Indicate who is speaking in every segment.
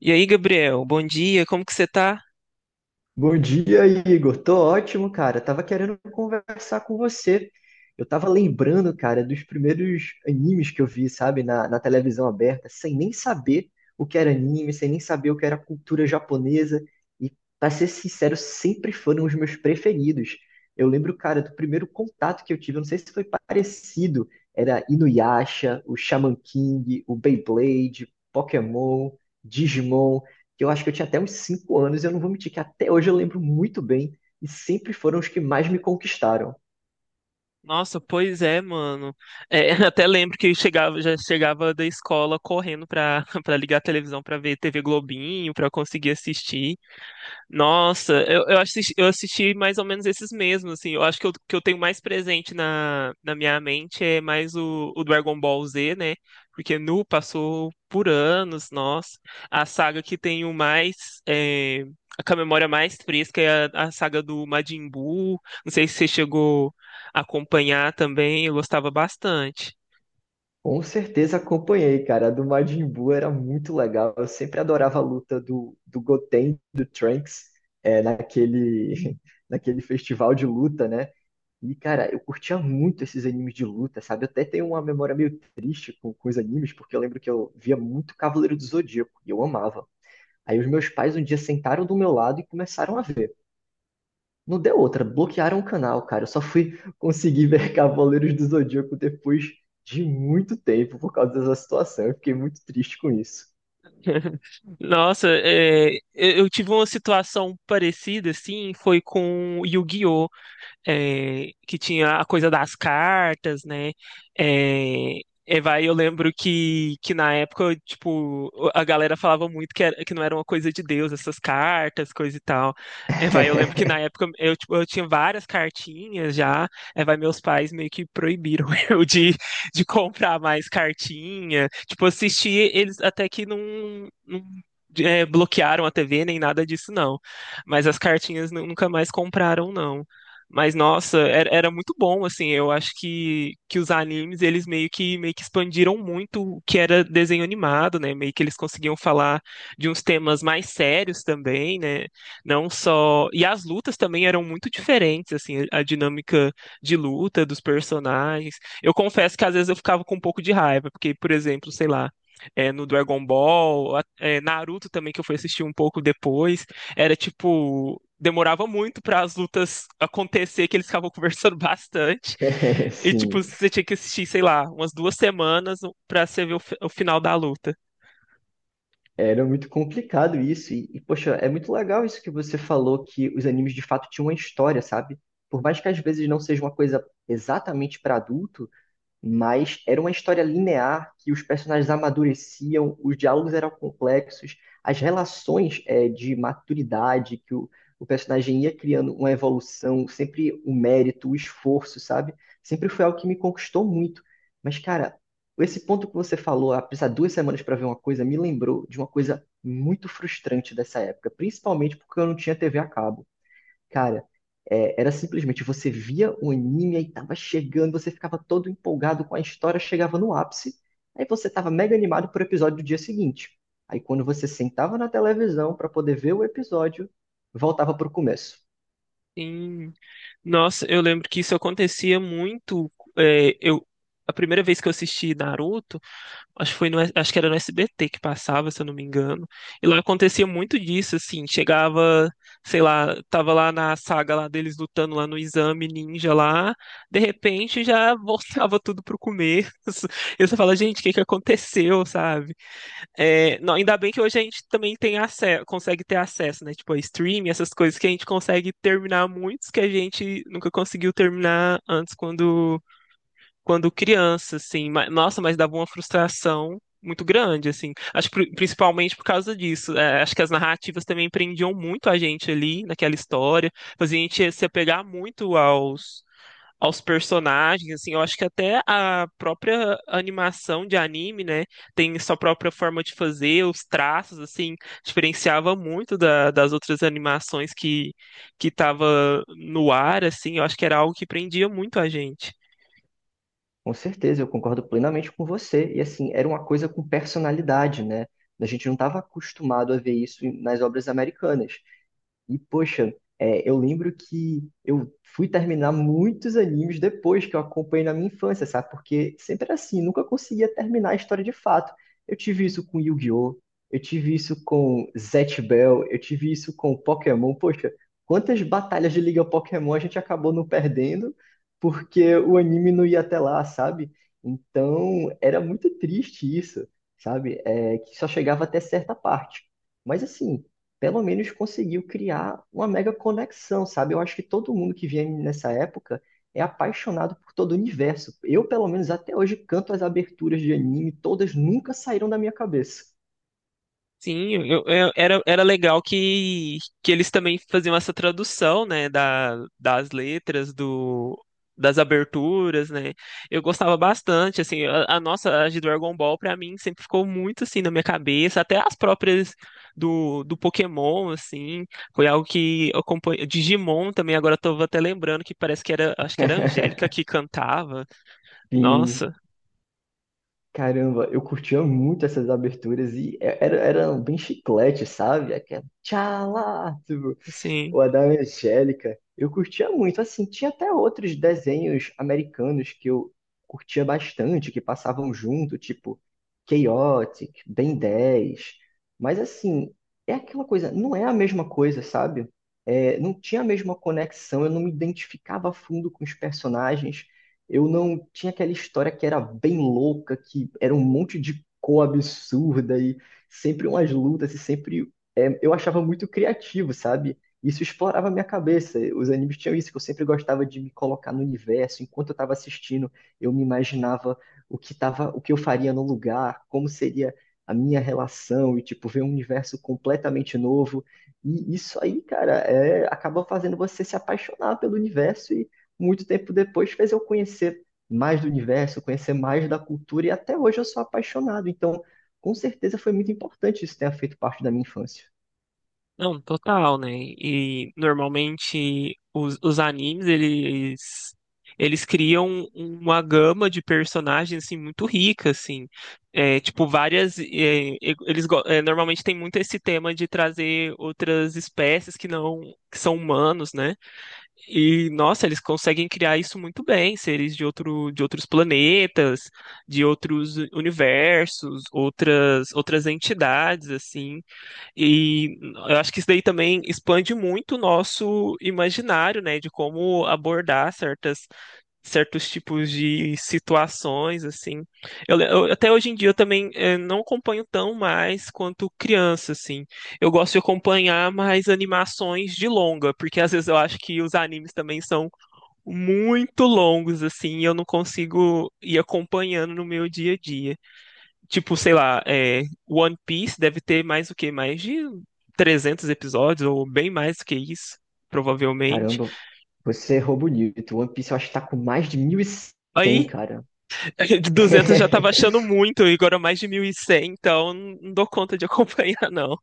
Speaker 1: E aí, Gabriel, bom dia, como que você tá?
Speaker 2: Bom dia, Igor. Tô ótimo, cara. Tava querendo conversar com você. Eu tava lembrando, cara, dos primeiros animes que eu vi, sabe, na televisão aberta, sem nem saber o que era anime, sem nem saber o que era cultura japonesa. E, Pra ser sincero, sempre foram os meus preferidos. Eu lembro, cara, do primeiro contato que eu tive, eu não sei se foi parecido, era Inuyasha, o Shaman King, o Beyblade, Pokémon, Digimon que eu acho que eu tinha até uns 5 anos, e eu não vou mentir que até hoje eu lembro muito bem, e sempre foram os que mais me conquistaram.
Speaker 1: Nossa, pois é, mano. Até lembro que eu chegava, já chegava da escola correndo pra ligar a televisão pra ver TV Globinho, pra conseguir assistir. Nossa, eu assisti, eu assisti mais ou menos esses mesmos, assim. Eu acho que eu tenho mais presente na minha mente é mais o Dragon Ball Z, né? Porque Nu passou por anos, nossa. A saga que tenho mais, é, a com a memória mais fresca é a saga do Majin Buu. Não sei se você chegou a acompanhar também, eu gostava bastante.
Speaker 2: Com certeza acompanhei, cara. A do Majin Buu era muito legal. Eu sempre adorava a luta do Goten, do Trunks, naquele, naquele festival de luta, né? E, cara, eu curtia muito esses animes de luta, sabe? Eu até tenho uma memória meio triste com os animes, porque eu lembro que eu via muito Cavaleiro do Zodíaco, e eu amava. Aí os meus pais um dia sentaram do meu lado e começaram a ver. Não deu outra, bloquearam o canal, cara. Eu só fui conseguir ver Cavaleiros do Zodíaco depois de muito tempo por causa dessa situação. Eu fiquei muito triste com isso.
Speaker 1: Nossa, é, eu tive uma situação parecida, assim, foi com Yu-Gi-Oh! É, que tinha a coisa das cartas, né? É, é, vai, eu lembro que na época, tipo, a galera falava muito que, que não era uma coisa de Deus, essas cartas, coisa e tal. É, vai, eu lembro que na época eu, tipo, eu tinha várias cartinhas já. É, vai, meus pais meio que proibiram eu de comprar mais cartinha. Tipo, assistir, eles até que não, bloquearam a TV nem nada disso, não. Mas as cartinhas nunca mais compraram, não. Mas nossa, era muito bom, assim, eu acho que os animes, eles meio que expandiram muito o que era desenho animado, né? Meio que eles conseguiam falar de uns temas mais sérios também, né? Não só... E as lutas também eram muito diferentes, assim, a dinâmica de luta dos personagens. Eu confesso que às vezes eu ficava com um pouco de raiva, porque, por exemplo, sei lá, é, no Dragon Ball, é, Naruto também, que eu fui assistir um pouco depois, era tipo demorava muito para as lutas acontecer, que eles ficavam conversando bastante. E, tipo,
Speaker 2: Sim,
Speaker 1: você tinha que assistir, sei lá, umas duas semanas para você ver o, o final da luta.
Speaker 2: era muito complicado isso. E, poxa, é muito legal isso que você falou, que os animes de fato tinham uma história, sabe? Por mais que às vezes não seja uma coisa exatamente para adulto, mas era uma história linear que os personagens amadureciam, os diálogos eram complexos, as relações de maturidade que o personagem ia criando uma evolução, sempre o mérito, o esforço, sabe? Sempre foi algo que me conquistou muito. Mas, cara, esse ponto que você falou, ah, precisar 2 semanas para ver uma coisa, me lembrou de uma coisa muito frustrante dessa época, principalmente porque eu não tinha TV a cabo. Cara, era simplesmente você via o anime, aí tava chegando, você ficava todo empolgado com a história, chegava no ápice, aí você tava mega animado pro episódio do dia seguinte. Aí quando você sentava na televisão para poder ver o episódio, voltava pro começo.
Speaker 1: Sim. Nossa, eu lembro que isso acontecia muito. É, eu, a primeira vez que eu assisti Naruto. Acho que foi no, acho que era no SBT que passava, se eu não me engano. E lá acontecia muito disso, assim, chegava, sei lá, tava lá na saga lá deles lutando lá no exame ninja lá, de repente já voltava tudo pro começo. E você fala, gente, o que que aconteceu, sabe? É, não, ainda bem que hoje a gente também tem acesso, consegue ter acesso, né? Tipo, a stream, essas coisas que a gente consegue terminar muitos que a gente nunca conseguiu terminar antes quando criança, assim. Nossa, mas dava uma frustração muito grande, assim. Acho que principalmente por causa disso. É, acho que as narrativas também prendiam muito a gente ali naquela história, fazia a gente se apegar muito aos personagens, assim. Eu acho que até a própria animação de anime, né, tem sua própria forma de fazer, os traços, assim, diferenciava muito das outras animações que estava no ar, assim. Eu acho que era algo que prendia muito a gente.
Speaker 2: Com certeza, eu concordo plenamente com você. E assim, era uma coisa com personalidade, né? A gente não estava acostumado a ver isso nas obras americanas. E, poxa, eu lembro que eu fui terminar muitos animes depois que eu acompanhei na minha infância, sabe? Porque sempre era assim, nunca conseguia terminar a história de fato. Eu tive isso com Yu-Gi-Oh! Eu tive isso com Zatch Bell, eu tive isso com Pokémon. Poxa, quantas batalhas de Liga Pokémon a gente acabou não perdendo porque o anime não ia até lá, sabe? Então, era muito triste isso, sabe? É, que só chegava até certa parte. Mas assim, pelo menos conseguiu criar uma mega conexão, sabe? Eu acho que todo mundo que vinha nessa época é apaixonado por todo o universo. Eu, pelo menos até hoje, canto as aberturas de anime, todas nunca saíram da minha cabeça.
Speaker 1: Sim, era, era legal que eles também faziam essa tradução, né, das letras, do, das aberturas, né? Eu gostava bastante, assim, a nossa, a de Dragon Ball, pra mim, sempre ficou muito, assim, na minha cabeça, até as próprias do Pokémon, assim, foi algo que eu acompanhei, Digimon também, agora eu tô até lembrando que parece que era, acho que era a Angélica que cantava,
Speaker 2: Sim,
Speaker 1: nossa,
Speaker 2: caramba, eu curtia muito essas aberturas e era bem chiclete, sabe? Aquela tchala, tipo,
Speaker 1: assim...
Speaker 2: o a da Angélica, eu curtia muito. Assim, tinha até outros desenhos americanos que eu curtia bastante, que passavam junto, tipo Chaotic, Ben 10. Mas assim, é aquela coisa, não é a mesma coisa, sabe? É, não tinha a mesma conexão, eu não me identificava a fundo com os personagens. Eu não tinha aquela história que era bem louca, que era um monte de cor absurda e sempre umas lutas e sempre eu achava muito criativo, sabe? Isso explorava a minha cabeça. Os animes tinham isso, que eu sempre gostava de me colocar no universo. Enquanto eu estava assistindo, eu me imaginava o que tava, o que eu faria no lugar, como seria a minha relação, e tipo, ver um universo completamente novo. E isso aí, cara, acaba fazendo você se apaixonar pelo universo e muito tempo depois fez eu conhecer mais do universo, conhecer mais da cultura, e até hoje eu sou apaixonado. Então, com certeza foi muito importante isso ter feito parte da minha infância.
Speaker 1: Não, total, né? E normalmente os animes, eles criam uma gama de personagens, assim, muito rica, assim. É, tipo, várias... é, normalmente tem muito esse tema de trazer outras espécies que não... que são humanos, né? E, nossa, eles conseguem criar isso muito bem. Seres de outro, de outros planetas, de outros universos, outras, outras entidades, assim. E eu acho que isso daí também expande muito o nosso imaginário, né, de como abordar certas, certos tipos de situações, assim. Até hoje em dia eu também eh, não acompanho tão mais quanto criança, assim. Eu gosto de acompanhar mais animações de longa, porque às vezes eu acho que os animes também são muito longos, assim, e eu não consigo ir acompanhando no meu dia a dia. Tipo, sei lá, é, One Piece deve ter mais o quê? Mais de 300 episódios, ou bem mais do que isso, provavelmente.
Speaker 2: Caramba, você errou bonito. One Piece eu acho que tá com mais de 1.100,
Speaker 1: Aí,
Speaker 2: cara.
Speaker 1: de 200 já tava achando muito, e agora mais de 1.100, então não dou conta de acompanhar, não.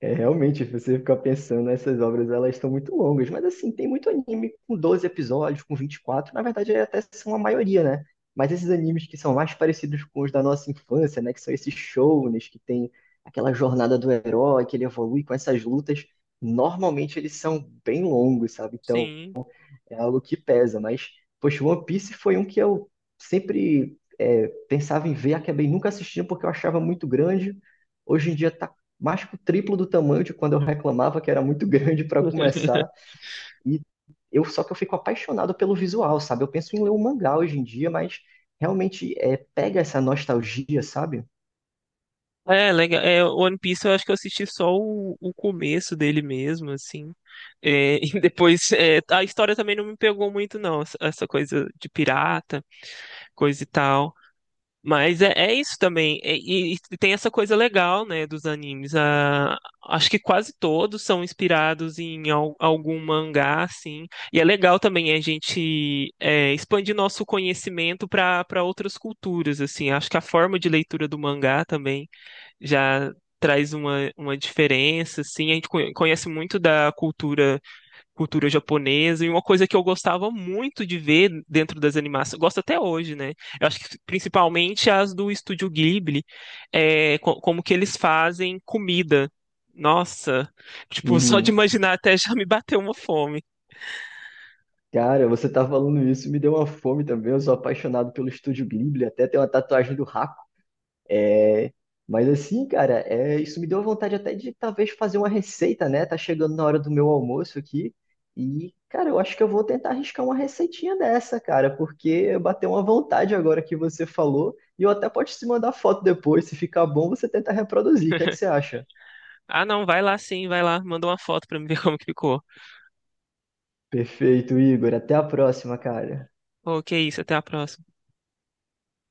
Speaker 2: É, realmente, se você ficar pensando, essas obras elas estão muito longas, mas assim, tem muito anime com 12 episódios, com 24, na verdade até são a maioria, né? Mas esses animes que são mais parecidos com os da nossa infância, né? Que são esses shonens, que tem aquela jornada do herói, que ele evolui com essas lutas, normalmente eles são bem longos, sabe? Então,
Speaker 1: Sim.
Speaker 2: é algo que pesa, mas, poxa, One Piece foi um que eu sempre pensava em ver, acabei nunca assistindo porque eu achava muito grande. Hoje em dia tá mais que o triplo do tamanho de quando eu reclamava que era muito grande para começar. E eu só que eu fico apaixonado pelo visual, sabe? Eu penso em ler um mangá hoje em dia, mas realmente pega essa nostalgia, sabe?
Speaker 1: É, legal. É, One Piece eu acho que eu assisti só o começo dele mesmo, assim. É, e depois, é, a história também não me pegou muito, não. Essa coisa de pirata, coisa e tal. Mas é, é isso também. E, e tem essa coisa legal, né, dos animes. Ah, acho que quase todos são inspirados em algum mangá, assim. E é legal também a gente é, expandir nosso conhecimento para outras culturas, assim. Acho que a forma de leitura do mangá também já traz uma diferença, assim. A gente conhece muito da cultura japonesa, e uma coisa que eu gostava muito de ver dentro das animações, gosto até hoje, né? Eu acho que principalmente as do Estúdio Ghibli, é, como que eles fazem comida. Nossa, tipo, só de
Speaker 2: Hum,
Speaker 1: imaginar até já me bateu uma fome.
Speaker 2: cara, você tá falando isso, me deu uma fome também. Eu sou apaixonado pelo Estúdio Ghibli, até tem uma tatuagem do Hakuna. É, mas assim, cara, isso me deu vontade até de talvez fazer uma receita, né? Tá chegando na hora do meu almoço aqui. E, cara, eu acho que eu vou tentar arriscar uma receitinha dessa, cara, porque bateu uma vontade agora que você falou. E eu até posso te mandar foto depois. Se ficar bom, você tenta reproduzir. O que é que você acha?
Speaker 1: Ah, não, vai lá sim, vai lá, manda uma foto pra me ver como que ficou.
Speaker 2: Perfeito, Igor. Até a próxima, cara.
Speaker 1: Ok, isso, até a próxima.